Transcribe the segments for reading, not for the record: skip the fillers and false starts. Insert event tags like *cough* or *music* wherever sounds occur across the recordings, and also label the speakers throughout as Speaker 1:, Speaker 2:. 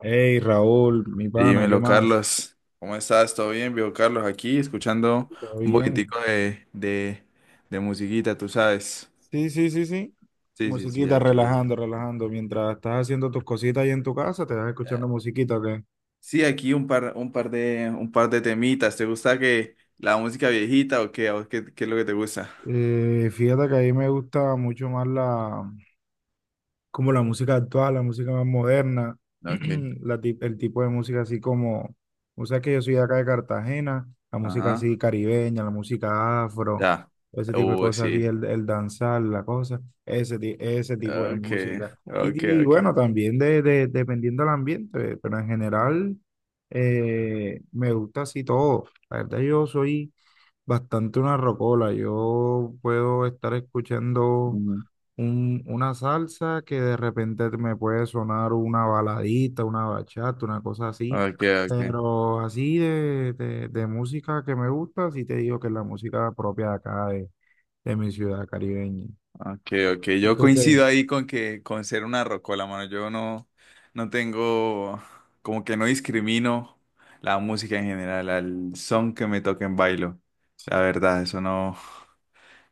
Speaker 1: Hey Raúl, mi pana, ¿qué
Speaker 2: Dímelo,
Speaker 1: más?
Speaker 2: Carlos. ¿Cómo estás? ¿Todo bien? Viejo Carlos, aquí escuchando
Speaker 1: ¿Todo
Speaker 2: un
Speaker 1: bien?
Speaker 2: poquitico de musiquita, tú sabes.
Speaker 1: Sí, sí, sí, sí.
Speaker 2: Sí, sí, sí,
Speaker 1: Musiquita,
Speaker 2: aquí.
Speaker 1: relajando, relajando. Mientras estás haciendo tus cositas ahí en tu casa, te vas
Speaker 2: eh,
Speaker 1: escuchando musiquita, ¿ok?
Speaker 2: Sí, aquí un par de temitas. ¿Te gusta que la música viejita o qué? ¿A vos qué es lo que te gusta?
Speaker 1: Fíjate que a mí me gusta mucho más como la música actual, la música más moderna,
Speaker 2: Ok.
Speaker 1: *clears throat* el tipo de música así como, o sea que yo soy de acá de Cartagena, la música
Speaker 2: Ajá.
Speaker 1: así caribeña, la música afro,
Speaker 2: Ya.
Speaker 1: ese tipo de cosas así,
Speaker 2: Sí.
Speaker 1: el danzar, la cosa, ese tipo de
Speaker 2: Ok,
Speaker 1: música.
Speaker 2: ok,
Speaker 1: Y
Speaker 2: ok.
Speaker 1: bueno, también dependiendo del ambiente, pero en general me gusta así todo. La verdad yo soy bastante una rocola, yo puedo estar escuchando
Speaker 2: Ujú.
Speaker 1: una salsa que de repente me puede sonar una baladita, una bachata, una cosa así,
Speaker 2: Ok, ok.
Speaker 1: pero así de música que me gusta, sí te digo que es la música propia de acá, de mi ciudad caribeña.
Speaker 2: Ok, ok,
Speaker 1: ¿Y
Speaker 2: yo
Speaker 1: tú qué?
Speaker 2: coincido ahí con que con ser una rocola, mano. Yo no, no tengo, como que no discrimino la música en general, al son que me toquen bailo. La verdad, eso no.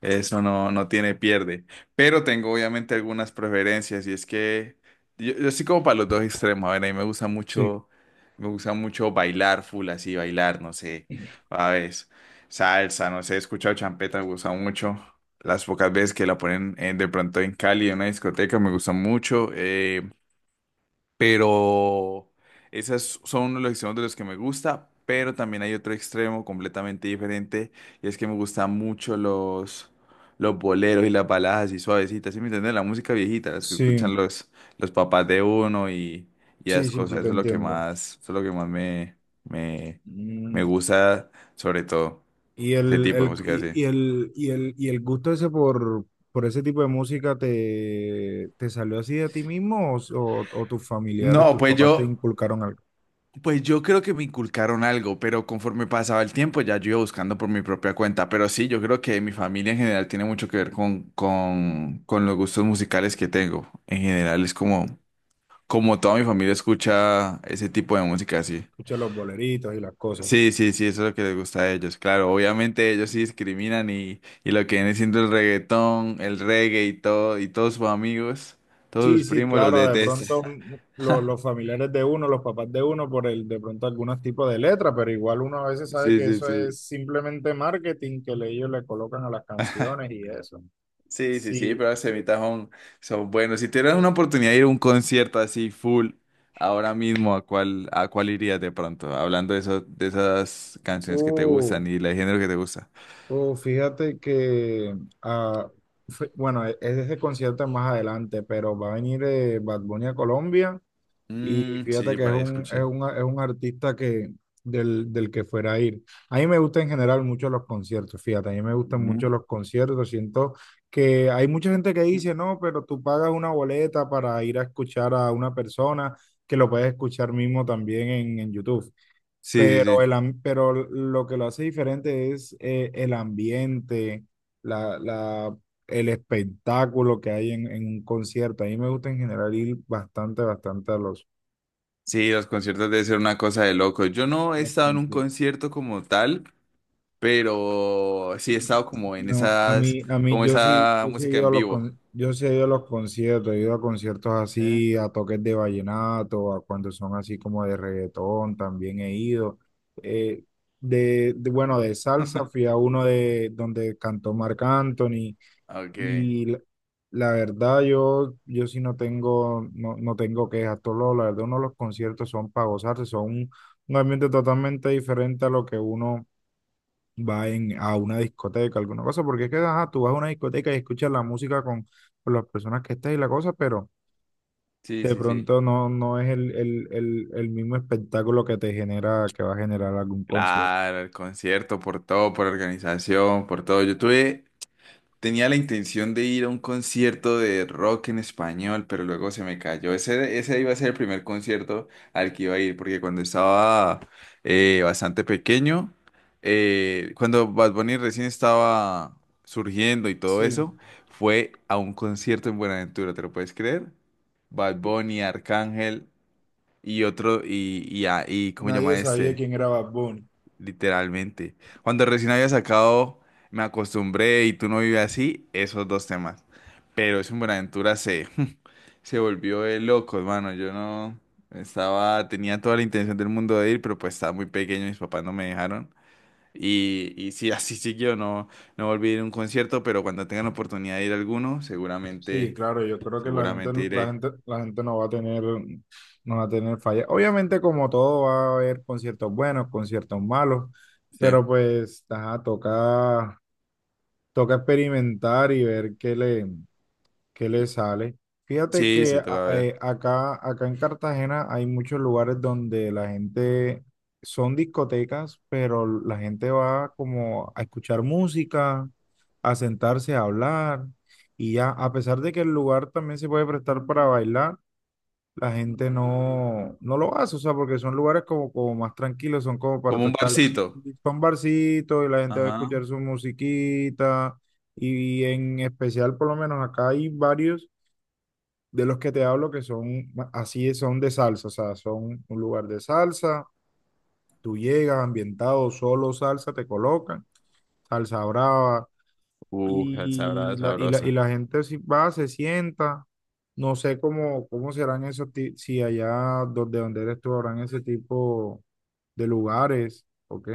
Speaker 2: Eso no, no tiene pierde. Pero tengo obviamente algunas preferencias y es que yo soy como para los dos extremos. A ver, a mí
Speaker 1: Sí,
Speaker 2: me gusta mucho bailar full así, bailar, no sé, a veces salsa, no sé, he escuchado champeta, me gusta mucho. Las pocas veces que la ponen de pronto en Cali, en una discoteca, me gusta mucho. Pero esas son uno de los extremos de los que me gusta, pero también hay otro extremo completamente diferente y es que me gustan mucho los boleros y las baladas así suavecitas, ¿sí me entiendes? La música viejita, las que escuchan
Speaker 1: sí,
Speaker 2: los papás de uno y
Speaker 1: sí,
Speaker 2: esas
Speaker 1: sí, sí,
Speaker 2: cosas,
Speaker 1: te
Speaker 2: eso es lo que
Speaker 1: entiendo.
Speaker 2: más, eso es lo que más me, me
Speaker 1: Mm,
Speaker 2: gusta, sobre todo,
Speaker 1: y
Speaker 2: ese tipo de música así.
Speaker 1: y el gusto ese por ese tipo de música te, ¿te salió así de ti mismo o, o tus familiares,
Speaker 2: No,
Speaker 1: tus
Speaker 2: pues
Speaker 1: papás te
Speaker 2: yo,
Speaker 1: inculcaron algo?
Speaker 2: Pues yo creo que me inculcaron algo, pero conforme pasaba el tiempo ya yo iba buscando por mi propia cuenta. Pero sí, yo creo que mi familia en general tiene mucho que ver con los gustos musicales que tengo. En general es como toda mi familia escucha ese tipo de música así.
Speaker 1: Escucha los boleritos y las cosas.
Speaker 2: Sí, sí, sí, eso es lo que les gusta a ellos. Claro, obviamente ellos sí discriminan y lo que viene siendo el reggaetón, el reggae y todo, y todos sus amigos, todos
Speaker 1: Sí,
Speaker 2: sus
Speaker 1: sí,
Speaker 2: primos los
Speaker 1: claro, de
Speaker 2: detestan.
Speaker 1: pronto mm, los familiares de uno, los papás de uno, por el de pronto algunos tipos de letra, pero igual uno a veces sabe
Speaker 2: Sí,
Speaker 1: que
Speaker 2: sí,
Speaker 1: eso
Speaker 2: sí.
Speaker 1: es simplemente marketing que ellos le colocan a las canciones y eso.
Speaker 2: Sí, sí, sí,
Speaker 1: Sí,
Speaker 2: pero las semitas son buenos. Si tuvieras una oportunidad de ir a un concierto así full ahora mismo, ¿a a cuál irías de pronto? Hablando de eso, de esas canciones que te
Speaker 1: uh,
Speaker 2: gustan y el género que te gusta.
Speaker 1: fíjate que, ah, bueno, es ese concierto es más adelante, pero va a venir Bad Bunny a Colombia. Y
Speaker 2: Mm,
Speaker 1: fíjate
Speaker 2: sí,
Speaker 1: que es
Speaker 2: por ahí
Speaker 1: un, es
Speaker 2: escuché.
Speaker 1: un, es un artista del, del que fuera a ir. A mí me gustan en general mucho los conciertos, fíjate, a mí me gustan mucho
Speaker 2: Ujú.
Speaker 1: los conciertos. Siento que hay mucha gente que dice, no, pero tú pagas una boleta para ir a escuchar a una persona que lo puedes escuchar mismo también en YouTube.
Speaker 2: Sí, sí,
Speaker 1: Pero,
Speaker 2: sí.
Speaker 1: pero lo que lo hace diferente es el ambiente, la, la, el espectáculo que hay en un concierto. A mí me gusta en general ir bastante, bastante a los
Speaker 2: Sí, los conciertos deben ser una cosa de loco. Yo no he estado en un
Speaker 1: conciertos.
Speaker 2: concierto como tal, pero sí he estado como en
Speaker 1: No, a mí,
Speaker 2: como esa
Speaker 1: yo sí he
Speaker 2: música
Speaker 1: ido a
Speaker 2: en
Speaker 1: los
Speaker 2: vivo.
Speaker 1: con- yo sí he ido a los conciertos, he ido a conciertos
Speaker 2: ¿Eh?
Speaker 1: así, a toques de vallenato, a cuando son así como de reggaetón, también he ido. Eh, bueno, de salsa fui a uno de donde cantó Marc Anthony
Speaker 2: Ok.
Speaker 1: y la verdad yo, yo sí no tengo, no, no tengo quejas, la verdad uno de los conciertos son para gozarse, son un ambiente totalmente diferente a lo que uno a una discoteca, alguna cosa, porque es que ajá, tú vas a una discoteca y escuchas la música con las personas que estés y la cosa, pero
Speaker 2: Sí,
Speaker 1: de
Speaker 2: sí, sí.
Speaker 1: pronto no, no es el mismo espectáculo que te genera, que va a generar algún concierto.
Speaker 2: Claro, el concierto, por todo, por organización, por todo. Tenía la intención de ir a un concierto de rock en español, pero luego se me cayó. Ese iba a ser el primer concierto al que iba a ir, porque cuando estaba bastante pequeño, cuando Bad Bunny recién estaba surgiendo y todo
Speaker 1: Sí,
Speaker 2: eso, fue a un concierto en Buenaventura, ¿te lo puedes creer? Bad Bunny, Arcángel y otro, y, a- y ¿cómo se
Speaker 1: nadie
Speaker 2: llama
Speaker 1: sabía
Speaker 2: este?
Speaker 1: quién era Bad Bunny.
Speaker 2: Literalmente. Cuando recién había sacado Me acostumbré y tú no vives así, esos dos temas. Pero es un Buenaventura se, *laughs* se volvió de locos, mano. Yo no estaba, tenía toda la intención del mundo de ir, pero pues estaba muy pequeño, mis papás no me dejaron. Y sí, *laughs* así siguió, no, no volví a ir a un concierto, pero cuando tengan la oportunidad de ir a alguno,
Speaker 1: Sí,
Speaker 2: seguramente,
Speaker 1: claro, yo creo que la gente,
Speaker 2: seguramente
Speaker 1: la
Speaker 2: iré.
Speaker 1: gente, la gente no va a tener, no va a tener falla. Obviamente, como todo, va a haber conciertos buenos, conciertos malos,
Speaker 2: Sí,
Speaker 1: pero pues, ajá, toca, toca experimentar y ver que le sale. Fíjate
Speaker 2: sí,
Speaker 1: que
Speaker 2: sí,
Speaker 1: a-
Speaker 2: toca ver.
Speaker 1: eh, acá, acá en Cartagena hay muchos lugares donde la gente son discotecas, pero la gente va como a escuchar música, a sentarse a hablar y ya, a pesar de que el lugar también se puede prestar para bailar, la gente no, no lo hace, o sea, porque son lugares como, como más tranquilos, son como para
Speaker 2: Como
Speaker 1: tú
Speaker 2: un
Speaker 1: estar chill,
Speaker 2: barcito.
Speaker 1: son barcitos y la gente va a
Speaker 2: Ajá.
Speaker 1: escuchar su musiquita. Y en especial, por lo menos acá hay varios de los que te hablo que así, son de salsa, o sea, son un lugar de salsa, tú llegas ambientado, solo salsa te colocan, salsa brava,
Speaker 2: Sabrá,
Speaker 1: y
Speaker 2: sabrosa.
Speaker 1: la gente si va, se sienta, no sé cómo, si allá donde, donde eres tú habrán ese tipo de lugares, ¿ok?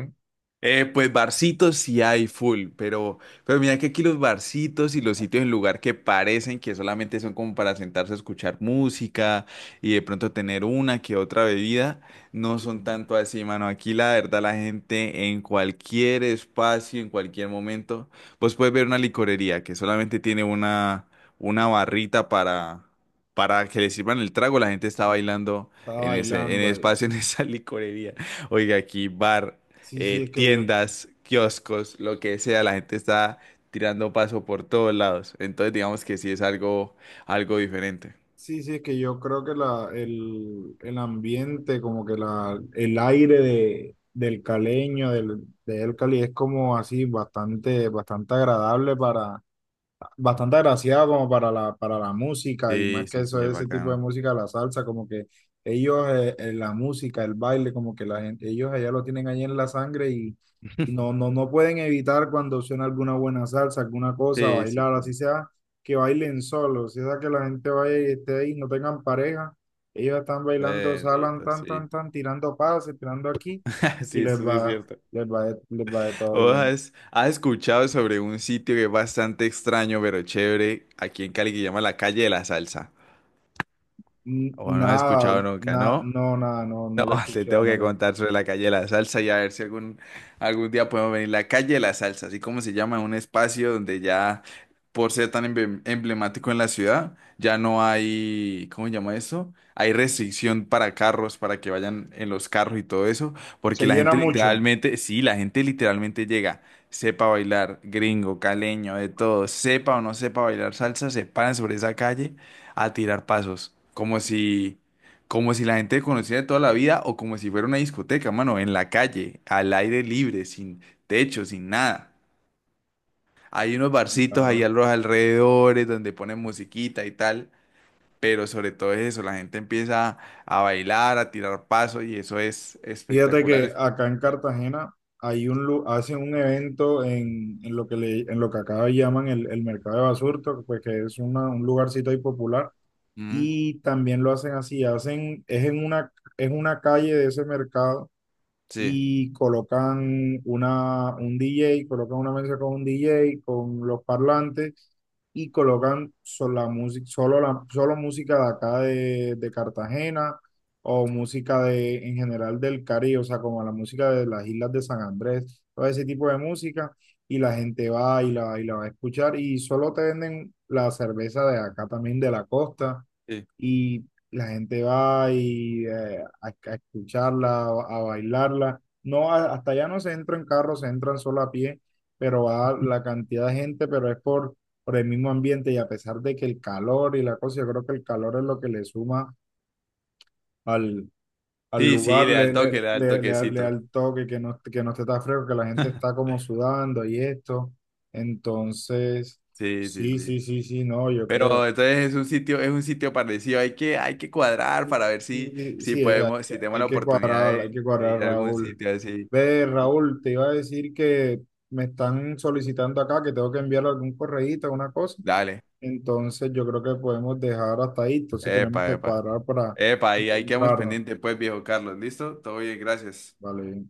Speaker 2: Pues barcitos sí hay pero mira que aquí los barcitos y los sitios en lugar que parecen que solamente son como para sentarse a escuchar música y de pronto tener una que otra bebida, no
Speaker 1: Sí,
Speaker 2: son tanto así, mano. Aquí la verdad la gente en cualquier espacio, en cualquier momento, vos puedes ver una licorería que solamente tiene una barrita para que le sirvan el trago, la gente está
Speaker 1: sí.
Speaker 2: bailando
Speaker 1: Está
Speaker 2: en en ese
Speaker 1: bailando ahí.
Speaker 2: espacio, *laughs* en esa licorería. Oiga, aquí bar
Speaker 1: Sí, sí, es que yo
Speaker 2: tiendas, kioscos, lo que sea, la gente está tirando paso por todos lados. Entonces, digamos que sí es algo diferente.
Speaker 1: Sí, sí, es que yo creo que el ambiente, como que el aire de, del caleño, del, de El Cali, es como así bastante, bastante agradable para, bastante agraciado como para para la música y
Speaker 2: Sí,
Speaker 1: más que
Speaker 2: sí, sí,
Speaker 1: eso,
Speaker 2: es
Speaker 1: ese tipo de
Speaker 2: bacano.
Speaker 1: música, la salsa, como que ellos, la música, el baile, como que la gente, ellos allá lo tienen ahí en la sangre y no, no, no pueden evitar cuando suena alguna buena salsa, alguna cosa,
Speaker 2: Sí, sí,
Speaker 1: bailar, así
Speaker 2: sí.
Speaker 1: sea que bailen solos, así sea que la gente vaya y esté ahí, no tengan pareja, ellos están bailando, salan,
Speaker 2: Bendito,
Speaker 1: tan, tan,
Speaker 2: sí.
Speaker 1: tan, tirando pases, tirando aquí
Speaker 2: *laughs*
Speaker 1: y
Speaker 2: Sí,
Speaker 1: les
Speaker 2: eso sí es
Speaker 1: va,
Speaker 2: cierto.
Speaker 1: les va de todo
Speaker 2: ¿Vos
Speaker 1: bien.
Speaker 2: has escuchado sobre un sitio que es bastante extraño, pero chévere, aquí en Cali, que se llama la Calle de la Salsa? ¿O no has
Speaker 1: Nada,
Speaker 2: escuchado nunca, no?
Speaker 1: no, nada, no,
Speaker 2: No,
Speaker 1: no la he
Speaker 2: *laughs* te
Speaker 1: escuchado,
Speaker 2: tengo
Speaker 1: no
Speaker 2: que
Speaker 1: la he-
Speaker 2: contar sobre la calle de la salsa y a ver si algún día podemos venir. La calle de la salsa, así como se llama, un espacio donde ya, por ser tan emblemático en la ciudad, ya no hay, ¿cómo se llama eso? Hay restricción para carros, para que vayan en los carros y todo eso,
Speaker 1: Se
Speaker 2: porque la
Speaker 1: llena
Speaker 2: gente
Speaker 1: mucho,
Speaker 2: literalmente, sí, la gente literalmente llega, sepa bailar, gringo, caleño, de todo, sepa o no sepa bailar salsa, se paran sobre esa calle a tirar pasos, como si la gente conociera de toda la vida o como si fuera una discoteca, mano, en la calle, al aire libre, sin techo, sin nada. Hay unos barcitos ahí
Speaker 1: claro.
Speaker 2: a los alrededores donde ponen musiquita y tal, pero sobre todo es eso, la gente empieza a bailar, a tirar paso y eso es
Speaker 1: Fíjate
Speaker 2: espectacular.
Speaker 1: que
Speaker 2: Es-
Speaker 1: acá en Cartagena hay hacen un evento en lo que le, en lo que acá llaman el mercado de Basurto, pues que es un lugarcito ahí popular,
Speaker 2: Mm,
Speaker 1: y también lo hacen así, hacen, es en una, es una calle de ese mercado
Speaker 2: sí,
Speaker 1: y colocan una, un DJ, colocan una mesa con un DJ, con los parlantes y colocan solo la música, solo música de acá de Cartagena o música de, en general del Caribe, o sea, como la música de las islas de San Andrés, todo ese tipo de música y la gente va y y la va a escuchar y solo te venden la cerveza de acá también de la costa
Speaker 2: sí.
Speaker 1: y la gente va y, a escucharla, a bailarla. Hasta allá no se entra en carro, se entran solo a pie, pero va la cantidad de gente, pero es por el mismo ambiente y a pesar de que el calor y la cosa, yo creo que el calor es lo que le suma al, al
Speaker 2: Sí, sí,
Speaker 1: lugar,
Speaker 2: le da el toque, le da el
Speaker 1: le da
Speaker 2: toquecito.
Speaker 1: el toque, que no esté tan fresco, que la gente está como sudando y esto. Entonces,
Speaker 2: Sí, sí,
Speaker 1: sí, sí,
Speaker 2: sí.
Speaker 1: sí, sí, no, yo creo.
Speaker 2: Pero entonces es un sitio parecido. Hay hay que cuadrar para ver
Speaker 1: Sí,
Speaker 2: si
Speaker 1: sí,
Speaker 2: podemos, si tenemos la oportunidad
Speaker 1: hay que
Speaker 2: de
Speaker 1: cuadrar,
Speaker 2: ir a algún
Speaker 1: Raúl.
Speaker 2: sitio así.
Speaker 1: Ve, Raúl, te iba a decir que me están solicitando acá que tengo que enviar algún correíto, alguna cosa.
Speaker 2: Dale.
Speaker 1: Entonces yo creo que podemos dejar hasta ahí. Entonces tenemos
Speaker 2: Epa,
Speaker 1: que
Speaker 2: epa.
Speaker 1: cuadrar para
Speaker 2: Epa, y ahí quedamos
Speaker 1: encontrarnos.
Speaker 2: pendientes, pues, viejo Carlos. ¿Listo? Todo bien, gracias.
Speaker 1: Vale.